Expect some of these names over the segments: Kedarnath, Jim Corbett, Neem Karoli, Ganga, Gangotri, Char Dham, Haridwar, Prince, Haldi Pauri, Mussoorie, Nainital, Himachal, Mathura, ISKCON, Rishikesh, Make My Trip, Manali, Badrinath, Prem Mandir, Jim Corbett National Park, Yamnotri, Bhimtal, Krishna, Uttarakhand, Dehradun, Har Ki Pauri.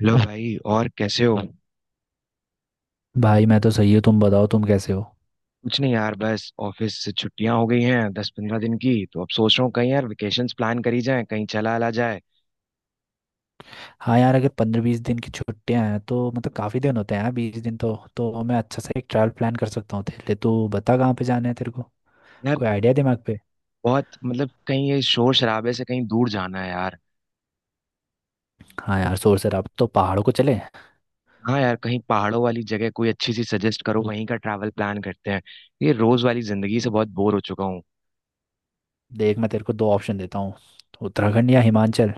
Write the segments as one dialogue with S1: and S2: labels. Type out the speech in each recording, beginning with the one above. S1: Hello भाई। और कैसे हो?
S2: भाई मैं तो सही हूँ। तुम बताओ, तुम कैसे हो।
S1: कुछ नहीं यार, बस ऑफिस से छुट्टियां हो गई हैं 10-15 दिन की, तो अब सोच रहा हूँ कहीं यार वेकेशंस प्लान करी जाए, कहीं चला आला जाए।
S2: हाँ यार, अगर 15-20 दिन की छुट्टियां हैं तो मतलब काफ़ी दिन होते हैं यार। 20 दिन तो मैं अच्छा सा एक ट्रैवल प्लान कर सकता हूँ तेरे लिए। तो बता कहाँ पे जाना है तेरे को,
S1: यार
S2: कोई आइडिया दिमाग पे।
S1: बहुत मतलब कहीं ये शोर शराबे से कहीं दूर जाना है यार।
S2: हाँ यार, शोर शराब तो पहाड़ों को चले।
S1: हाँ यार, कहीं पहाड़ों वाली जगह कोई अच्छी सी सजेस्ट करो, वहीं का ट्रैवल प्लान करते हैं। ये रोज वाली जिंदगी से बहुत बोर हो चुका हूँ।
S2: देख, मैं तेरे को दो ऑप्शन देता हूँ, उत्तराखंड या हिमाचल।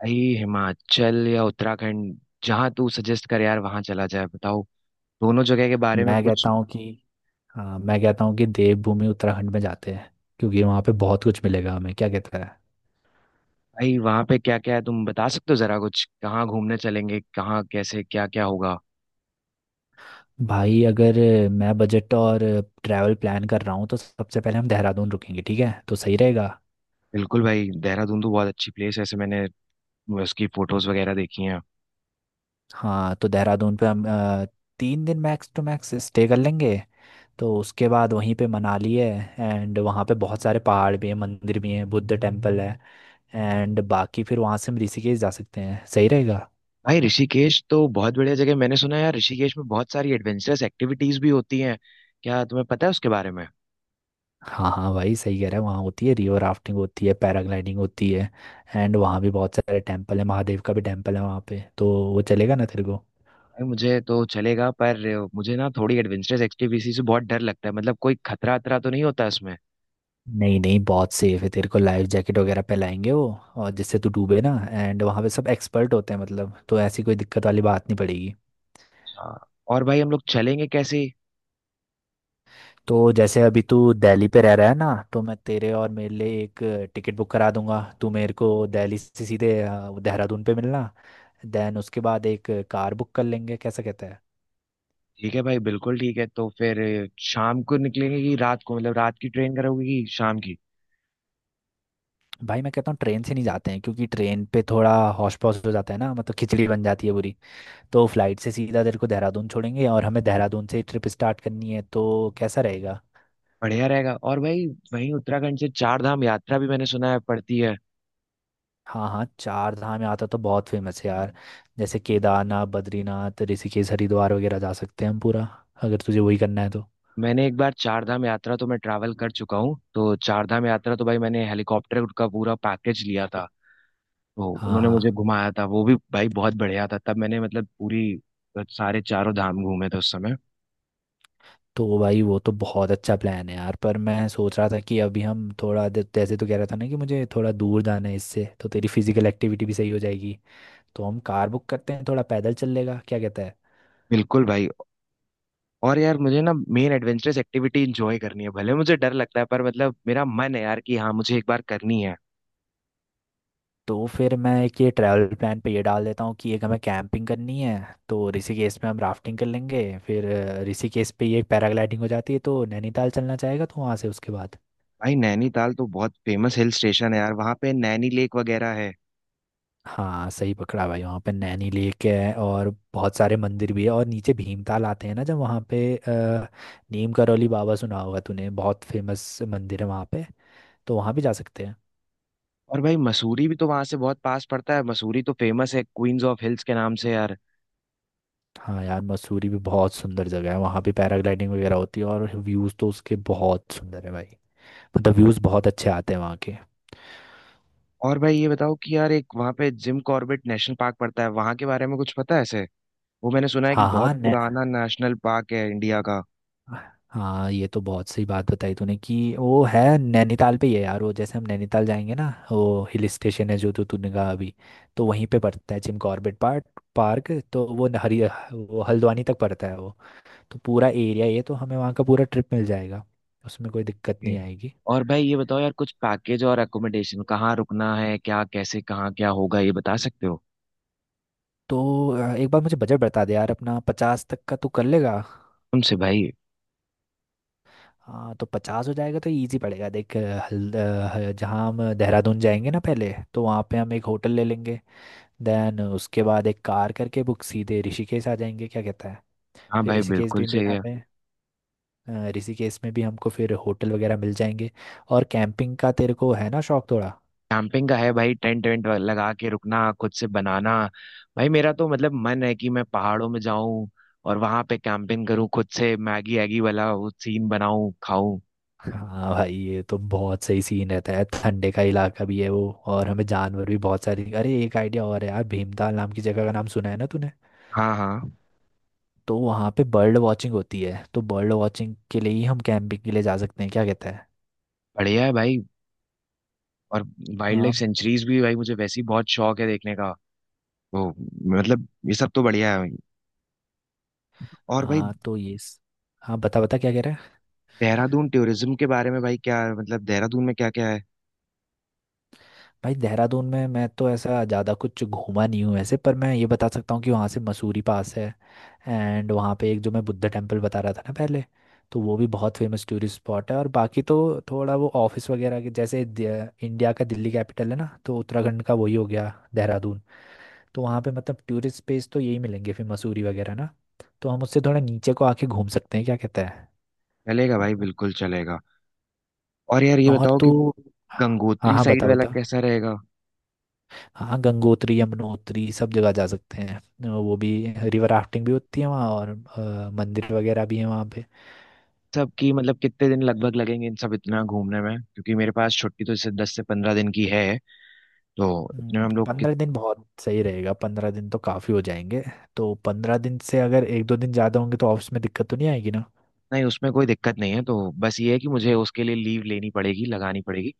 S1: भाई, हिमाचल या उत्तराखंड, जहाँ तू सजेस्ट कर यार वहां चला जाए, बताओ दोनों जगह के बारे में
S2: मैं
S1: कुछ।
S2: कहता हूँ कि, हाँ मैं कहता हूँ कि देवभूमि उत्तराखंड में जाते हैं, क्योंकि वहाँ पे बहुत कुछ मिलेगा हमें, क्या कहता है।
S1: भाई वहाँ पे क्या क्या है तुम बता सकते हो जरा, कुछ कहाँ घूमने चलेंगे, कहाँ कैसे क्या क्या होगा?
S2: भाई अगर मैं बजट और ट्रैवल प्लान कर रहा हूँ तो सबसे पहले हम देहरादून रुकेंगे, ठीक है, तो सही रहेगा।
S1: बिल्कुल भाई, देहरादून तो बहुत अच्छी प्लेस है, ऐसे मैंने उसकी फोटोज वगैरह देखी हैं।
S2: हाँ तो देहरादून पे हम 3 दिन मैक्स टू मैक्स स्टे कर लेंगे। तो उसके बाद वहीं पे मनाली है। एंड वहाँ पे बहुत सारे पहाड़ भी हैं, मंदिर भी हैं, बुद्ध टेम्पल है। एंड बाकी फिर वहाँ से हम ऋषिकेश जा सकते हैं, सही रहेगा।
S1: भाई ऋषिकेश तो बहुत बढ़िया जगह है। मैंने सुना है यार ऋषिकेश में बहुत सारी एडवेंचरस एक्टिविटीज भी होती हैं, क्या तुम्हें पता है उसके बारे में?
S2: हाँ हाँ भाई, सही कह रहा है, वहाँ होती है रिवर राफ्टिंग होती है पैराग्लाइडिंग होती है। एंड वहाँ भी बहुत सारे टेम्पल है, महादेव का भी टेम्पल है वहाँ पे, तो वो चलेगा ना तेरे को।
S1: भाई मुझे तो चलेगा, पर मुझे ना थोड़ी एडवेंचरस एक्टिविटी से बहुत डर लगता है, मतलब कोई खतरा अतरा तो नहीं होता इसमें?
S2: नहीं नहीं, बहुत सेफ है, तेरे को लाइफ जैकेट वगैरह पहनाएंगे वो, और जिससे तू डूबे ना। एंड वहाँ पे सब एक्सपर्ट होते हैं मतलब, तो ऐसी कोई दिक्कत वाली बात नहीं पड़ेगी।
S1: अच्छा। और भाई हम लोग चलेंगे कैसे?
S2: तो जैसे अभी तू दिल्ली पे रह रहा है ना, तो मैं तेरे और मेरे लिए एक टिकट बुक करा दूंगा। तू मेरे को दिल्ली से सीधे देहरादून पे मिलना। देन उसके बाद एक कार बुक कर लेंगे, कैसा कहता है।
S1: ठीक है भाई, बिल्कुल ठीक है। तो फिर शाम को निकलेंगे कि रात को, मतलब रात की ट्रेन करोगे कि शाम की?
S2: भाई मैं कहता हूँ ट्रेन से नहीं जाते हैं, क्योंकि ट्रेन पे थोड़ा हौश पौश हो जाता है ना, मतलब खिचड़ी बन जाती है पूरी। तो फ्लाइट से सीधा तेरे को देहरादून छोड़ेंगे, और हमें देहरादून से ट्रिप स्टार्ट करनी है, तो कैसा रहेगा।
S1: बढ़िया रहेगा। और भाई वहीं उत्तराखंड से चार धाम यात्रा भी मैंने सुना है पड़ती है।
S2: हाँ हाँ, चार धाम यात्रा तो बहुत फेमस है यार। जैसे केदारनाथ, बद्रीनाथ, ऋषिकेश, हरिद्वार वगैरह जा सकते हैं हम पूरा, अगर तुझे वही करना है तो।
S1: मैंने एक बार चार धाम यात्रा तो मैं ट्रैवल कर चुका हूँ, तो चार धाम यात्रा तो भाई मैंने हेलीकॉप्टर का पूरा पैकेज लिया था। तो
S2: हाँ
S1: उन्होंने
S2: हाँ।
S1: मुझे घुमाया था वो भी भाई बहुत बढ़िया था, तब मैंने मतलब पूरी सारे चारों धाम घूमे थे उस समय।
S2: तो भाई वो तो बहुत अच्छा प्लान है यार, पर मैं सोच रहा था कि अभी हम थोड़ा जैसे तो कह रहा था ना कि मुझे थोड़ा दूर जाना है, इससे तो तेरी फिजिकल एक्टिविटी भी सही हो जाएगी। तो हम कार बुक करते हैं, थोड़ा पैदल चल लेगा, क्या कहता है।
S1: बिल्कुल भाई। और यार मुझे ना मेन एडवेंचरस एक्टिविटी इंजॉय करनी है, भले मुझे डर लगता है पर मतलब मेरा मन है यार कि हाँ मुझे एक बार करनी है।
S2: तो फिर मैं एक ये ट्रैवल प्लान पे ये डाल देता हूँ कि एक हमें कैंपिंग करनी है। तो ऋषिकेश में हम राफ्टिंग कर लेंगे, फिर ऋषिकेश पे ये पैराग्लाइडिंग हो जाती है, तो नैनीताल चलना चाहेगा तो वहाँ से उसके बाद।
S1: भाई नैनीताल तो बहुत फेमस हिल स्टेशन है यार, वहाँ पे नैनी लेक वगैरह है।
S2: हाँ सही पकड़ा भाई, वहाँ पे नैनी लेक है, और बहुत सारे मंदिर भी है। और नीचे भीमताल आते हैं ना, जब वहाँ पे नीम करौली बाबा सुना होगा तूने, बहुत फेमस मंदिर है वहाँ पे, तो वहाँ भी जा सकते हैं।
S1: और भाई मसूरी भी तो वहां से बहुत पास पड़ता है, मसूरी तो फेमस है क्वींस ऑफ हिल्स के नाम से यार।
S2: हाँ यार मसूरी भी बहुत सुंदर जगह है, वहाँ भी पैराग्लाइडिंग वगैरह होती है, और व्यूज़ तो उसके बहुत सुंदर है भाई, मतलब व्यूज बहुत अच्छे आते हैं वहाँ के।
S1: और भाई ये बताओ कि यार एक वहाँ पे जिम कॉर्बेट नेशनल पार्क पड़ता है, वहाँ के बारे में कुछ पता है ऐसे? वो मैंने सुना है कि
S2: हाँ
S1: बहुत
S2: हाँ
S1: पुराना नेशनल पार्क है इंडिया का।
S2: हाँ, ये तो बहुत सही बात बताई तूने, कि वो है नैनीताल पे ही है यार। वो जैसे हम नैनीताल जाएंगे ना, वो हिल स्टेशन है जो तो तूने कहा अभी, तो वहीं पे पड़ता है जिम कॉर्बेट पार्क। पार्क तो वो न- हरी वो हल्द्वानी तक पड़ता है वो, तो पूरा एरिया, ये तो हमें वहाँ का पूरा ट्रिप मिल जाएगा, उसमें कोई दिक्कत
S1: ओके।
S2: नहीं आएगी।
S1: और भाई ये बताओ यार, कुछ पैकेज और अकोमोडेशन कहाँ रुकना है, क्या कैसे कहाँ क्या होगा ये बता सकते हो?
S2: तो एक बार मुझे बजट बता दे यार अपना, 50 तक का तू कर लेगा।
S1: तुमसे भाई।
S2: हाँ तो 50 हो जाएगा तो इजी पड़ेगा। देख, जहाँ हम देहरादून जाएंगे ना पहले, तो वहाँ पे हम एक होटल ले लेंगे। देन उसके बाद एक कार करके बुक, सीधे ऋषिकेश आ जाएंगे, क्या कहता है।
S1: हाँ
S2: फिर
S1: भाई,
S2: ऋषिकेश
S1: बिल्कुल
S2: भी
S1: सही है।
S2: हमें ऋषिकेश में भी हमको फिर होटल वगैरह मिल जाएंगे। और कैंपिंग का तेरे को है ना शौक थोड़ा।
S1: कैंपिंग का है भाई, टेंट वेंट लगा के रुकना खुद से बनाना। भाई मेरा तो मतलब मन है कि मैं पहाड़ों में जाऊं और वहां पे कैंपिंग करूं, खुद से मैगी एगी वाला वो सीन बनाऊं खाऊं।
S2: हाँ भाई ये तो बहुत सही सीन रहता है, ठंडे का इलाका भी है वो, और हमें जानवर भी बहुत सारे। अरे एक आइडिया और है यार, भीमताल नाम की जगह का नाम सुना है ना,
S1: हाँ हाँ।
S2: तो वहाँ पे बर्ड वॉचिंग होती है, तो बर्ड वॉचिंग के लिए ही हम कैंपिंग के लिए जा सकते हैं, क्या कहता है।
S1: बढ़िया है भाई। और वाइल्ड
S2: हाँ
S1: लाइफ सेंचुरीज भी भाई मुझे वैसे ही बहुत शौक है देखने का। तो मतलब ये सब तो बढ़िया है भाई। और भाई
S2: हाँ हाँ, बता बता क्या कह रहा है।
S1: देहरादून टूरिज्म के बारे में भाई, क्या मतलब देहरादून में क्या क्या है?
S2: भाई देहरादून में मैं तो ऐसा ज़्यादा कुछ घूमा नहीं हूँ वैसे, पर मैं ये बता सकता हूँ कि वहाँ से मसूरी पास है। एंड वहाँ पे एक जो मैं बुद्ध टेम्पल बता रहा था ना पहले, तो वो भी बहुत फेमस टूरिस्ट स्पॉट है। और बाकी तो थोड़ा वो ऑफिस वगैरह के जैसे इंडिया का दिल्ली कैपिटल है ना, तो उत्तराखंड का वही हो गया देहरादून। तो वहाँ पे मतलब टूरिस्ट प्लेस तो यही मिलेंगे, फिर मसूरी वगैरह ना, तो हम उससे थोड़ा नीचे को आके घूम सकते हैं, क्या कहता है।
S1: चलेगा भाई, बिल्कुल चलेगा। और यार ये
S2: और
S1: बताओ कि
S2: तो, हाँ
S1: गंगोत्री
S2: हाँ
S1: साइड
S2: बता
S1: वाला
S2: बता।
S1: कैसा रहेगा?
S2: हाँ गंगोत्री यमुनोत्री सब जगह जा सकते हैं वो भी। रिवर राफ्टिंग भी होती है वहाँ, और मंदिर वगैरह भी है वहाँ पे।
S1: सब की मतलब कितने दिन लगभग लगेंगे इन सब इतना घूमने में, क्योंकि मेरे पास छुट्टी तो इससे 10 से 15 दिन की है, तो इतने में हम लोग
S2: 15 दिन बहुत सही रहेगा, 15 दिन तो काफ़ी हो जाएंगे। तो 15 दिन से अगर एक दो दिन ज़्यादा होंगे तो ऑफिस में दिक्कत तो नहीं आएगी।
S1: नहीं, उसमें कोई दिक्कत नहीं है, तो बस ये है कि मुझे उसके लिए लीव लेनी पड़ेगी लगानी पड़ेगी,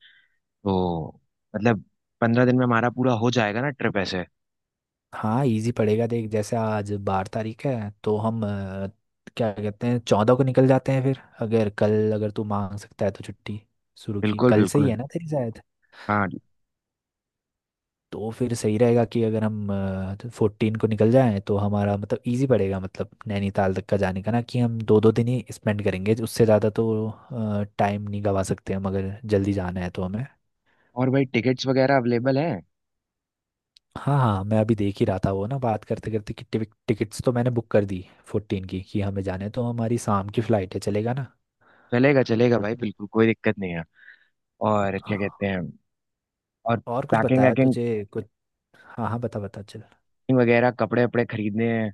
S1: तो मतलब 15 दिन में हमारा पूरा हो जाएगा ना ट्रिप ऐसे?
S2: हाँ इजी पड़ेगा। देख जैसे आज 12 तारीख है, तो हम क्या कहते हैं 14 को निकल जाते हैं। फिर अगर कल, अगर तू मांग सकता है तो छुट्टी, शुरू की
S1: बिल्कुल
S2: कल से ही है
S1: बिल्कुल।
S2: ना तेरी शायद।
S1: हाँ।
S2: तो फिर सही रहेगा कि अगर हम 14 को निकल जाएं, तो हमारा मतलब इजी पड़ेगा, मतलब नैनीताल तक का जाने का, ना कि हम दो दो दिन ही स्पेंड करेंगे, उससे ज़्यादा तो टाइम नहीं गवा सकते हम, अगर जल्दी जाना है तो हमें।
S1: और भाई टिकट्स वगैरह अवेलेबल है?
S2: हाँ हाँ मैं अभी देख ही रहा था वो ना, बात करते करते कि टिकट्स तो मैंने बुक कर दी 14 की, कि हमें जाने, तो हमारी शाम की फ्लाइट है, चलेगा ना।
S1: चलेगा चलेगा भाई, बिल्कुल कोई दिक्कत नहीं है। और क्या कहते
S2: हाँ,
S1: हैं? और
S2: और कुछ
S1: पैकिंग
S2: बताया
S1: वैकिंग
S2: तुझे, कुछ। हाँ हाँ बता बता चल।
S1: वगैरह, कपड़े वपड़े खरीदने हैं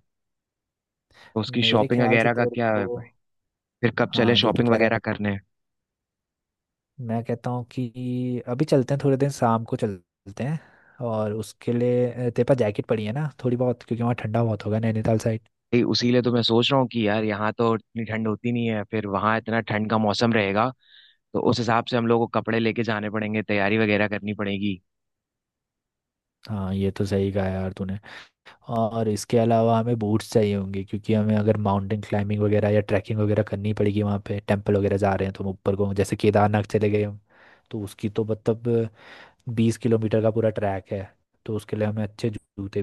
S1: तो उसकी
S2: मेरे
S1: शॉपिंग
S2: ख्याल से
S1: वगैरह का
S2: तेरे
S1: क्या
S2: को,
S1: है भाई, फिर कब चले
S2: हाँ जो तू
S1: शॉपिंग
S2: कह
S1: वगैरह
S2: रहा था,
S1: करने?
S2: मैं कहता हूँ कि अभी चलते हैं, थोड़े दिन शाम को चलते हैं। और उसके लिए तेरे पास जैकेट पड़ी है ना थोड़ी बहुत, क्योंकि वहाँ ठंडा बहुत होगा नैनीताल साइड।
S1: भाई उसी लिए तो मैं सोच रहा हूँ कि यार यहाँ तो इतनी ठंड होती नहीं है, फिर वहाँ इतना ठंड का मौसम रहेगा, तो उस हिसाब से हम लोग को कपड़े लेके जाने पड़ेंगे, तैयारी वगैरह करनी पड़ेगी।
S2: हाँ ये तो सही कहा यार तूने। और इसके अलावा हमें बूट्स चाहिए होंगे, क्योंकि हमें अगर माउंटेन क्लाइंबिंग वगैरह या ट्रैकिंग वगैरह करनी पड़ेगी, वहाँ पे टेंपल वगैरह जा रहे हैं तो हम ऊपर को, जैसे केदारनाथ चले गए हम, तो उसकी तो मतलब 20 किलोमीटर का पूरा ट्रैक है, तो उसके लिए हमें अच्छे जूते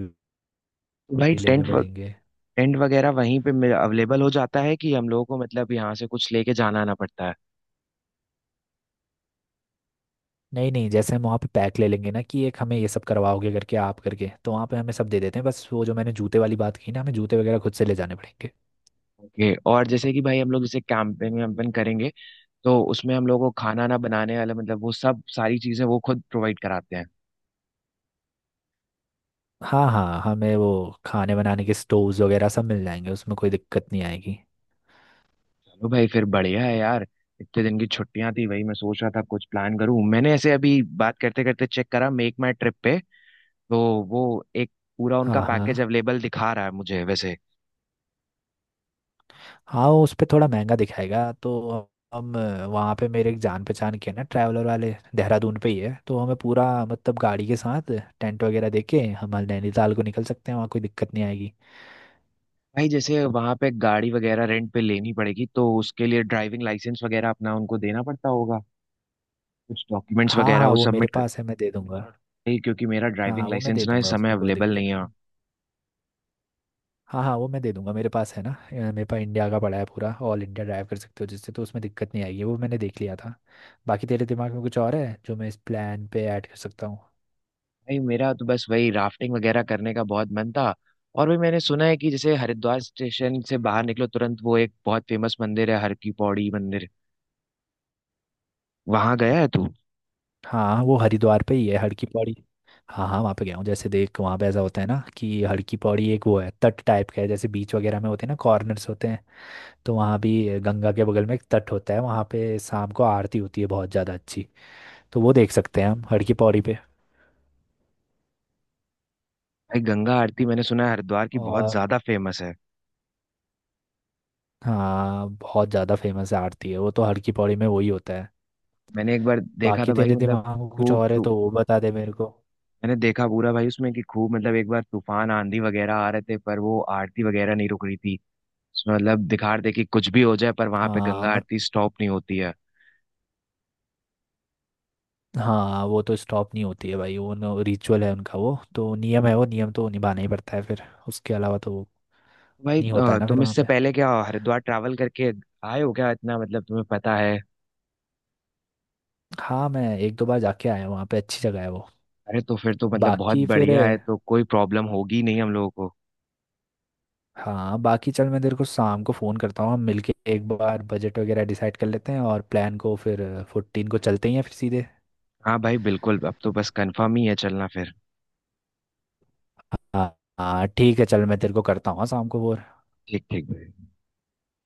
S1: तो भाई
S2: भी लेने पड़ेंगे।
S1: टेंट वगैरह वहीं पे अवेलेबल हो जाता है कि हम लोगों को मतलब यहाँ से कुछ लेके जाना आना पड़ता है?
S2: नहीं नहीं, जैसे हम वहाँ पे पैक ले लेंगे ना, कि एक हमें ये सब करवाओगे, करके आप करके, तो वहाँ पे हमें सब दे देते हैं। बस वो जो मैंने जूते वाली बात की ना, हमें जूते वगैरह खुद से ले जाने पड़ेंगे।
S1: ओके। और जैसे कि भाई हम लोग जैसे कैंपिंग वैम्पिंग करेंगे, तो उसमें हम लोगों को खाना ना बनाने वाला मतलब वो सब सारी चीजें वो खुद प्रोवाइड कराते हैं?
S2: हाँ हाँ, हमें वो खाने बनाने के स्टोव्स वगैरह सब मिल जाएंगे, उसमें कोई दिक्कत नहीं आएगी।
S1: चलो भाई, फिर बढ़िया है यार। इतने दिन की छुट्टियां थी, वही मैं सोच रहा था कुछ प्लान करूं, मैंने ऐसे अभी बात करते करते चेक करा मेक माई ट्रिप पे, तो वो एक पूरा उनका
S2: हाँ हाँ।
S1: पैकेज अवेलेबल दिखा रहा है मुझे वैसे।
S2: हाँ उस पे थोड़ा महंगा दिखाएगा, तो हम वहाँ पे, मेरे एक जान पहचान के हैं ना ट्रैवलर वाले, देहरादून पे ही है, तो हमें पूरा मतलब गाड़ी के साथ टेंट वगैरह दे के हम नैनीताल को निकल सकते हैं, वहाँ कोई दिक्कत नहीं आएगी।
S1: भाई जैसे वहां पे गाड़ी वगैरह रेंट पे लेनी पड़ेगी, तो उसके लिए ड्राइविंग लाइसेंस वगैरह अपना उनको देना पड़ता होगा, कुछ डॉक्यूमेंट्स
S2: हाँ
S1: वगैरह
S2: हाँ
S1: वो
S2: वो मेरे
S1: सबमिट कर।
S2: पास है, मैं दे दूंगा। और
S1: नहीं, क्योंकि मेरा
S2: हाँ
S1: ड्राइविंग
S2: वो मैं
S1: लाइसेंस
S2: दे
S1: ना इस
S2: दूंगा,
S1: समय
S2: उसकी कोई
S1: अवेलेबल
S2: दिक्कत
S1: नहीं है।
S2: नहीं। हाँ हाँ वो मैं दे दूंगा, मेरे पास है ना। मेरे पास इंडिया का पड़ा है पूरा, ऑल इंडिया ड्राइव कर सकते हो जिससे, तो उसमें दिक्कत नहीं आएगी, वो मैंने देख लिया था। बाकी तेरे दिमाग में कुछ और है जो मैं इस प्लान पे ऐड कर सकता।
S1: भाई मेरा तो बस वही राफ्टिंग वगैरह करने का बहुत मन था। और भी मैंने सुना है कि जैसे हरिद्वार स्टेशन से बाहर निकलो तुरंत वो एक बहुत फेमस मंदिर है, हर की पौड़ी मंदिर। वहां गया है तू?
S2: हाँ वो हरिद्वार पे ही है हड़की पौड़ी। हाँ हाँ वहाँ पे गया हूँ। जैसे देख वहाँ पे ऐसा होता है ना, कि हड़की पौड़ी एक वो है तट टाइप का है, जैसे बीच वगैरह में होते हैं ना कॉर्नर्स होते हैं, तो वहाँ भी गंगा के बगल में एक तट होता है। वहाँ पे शाम को आरती होती है बहुत ज़्यादा अच्छी, तो वो देख सकते हैं हम हड़की पौड़ी पे।
S1: भाई गंगा आरती मैंने सुना है हरिद्वार की बहुत
S2: और
S1: ज्यादा फेमस है।
S2: हाँ बहुत ज़्यादा फेमस आरती है वो तो, हड़की पौड़ी में वही होता है।
S1: मैंने एक बार देखा था
S2: बाकी
S1: भाई,
S2: तेरे
S1: मतलब
S2: दिमाग में कुछ
S1: खूब
S2: और है
S1: तू,
S2: तो वो बता दे मेरे को।
S1: मैंने देखा पूरा भाई उसमें कि खूब मतलब एक बार तूफान आंधी वगैरह आ रहे थे, पर वो आरती वगैरह नहीं रुक रही थी। उसमें मतलब दिखा रहे थे कि कुछ भी हो जाए पर वहां पे
S2: हाँ
S1: गंगा आरती स्टॉप नहीं होती है।
S2: हाँ, वो तो स्टॉप नहीं होती है भाई, वो रिचुअल है उनका, वो तो नियम है, वो नियम तो निभाना ही पड़ता है, फिर उसके अलावा तो
S1: भाई,
S2: नहीं होता है ना फिर
S1: तुम
S2: वहाँ
S1: इससे
S2: पे।
S1: पहले क्या हरिद्वार ट्रैवल करके आए हो क्या, इतना मतलब तुम्हें पता है?
S2: हाँ मैं एक दो बार जाके आया हूँ वहाँ पे, अच्छी जगह है वो।
S1: अरे, तो फिर तो मतलब बहुत
S2: बाकी फिर,
S1: बढ़िया है, तो कोई प्रॉब्लम होगी नहीं हम लोगों को।
S2: हाँ बाकी चल, मैं तेरे को शाम को फ़ोन करता हूँ, हम मिलके एक बार बजट वगैरह डिसाइड कर लेते हैं, और प्लान को फिर 14 को चलते ही हैं फिर सीधे।
S1: हाँ भाई बिल्कुल, अब तो बस कंफर्म ही है चलना फिर।
S2: हाँ हाँ ठीक है, चल मैं तेरे को करता हूँ, हाँ, शाम को वो।
S1: ठीक ठीक भाई।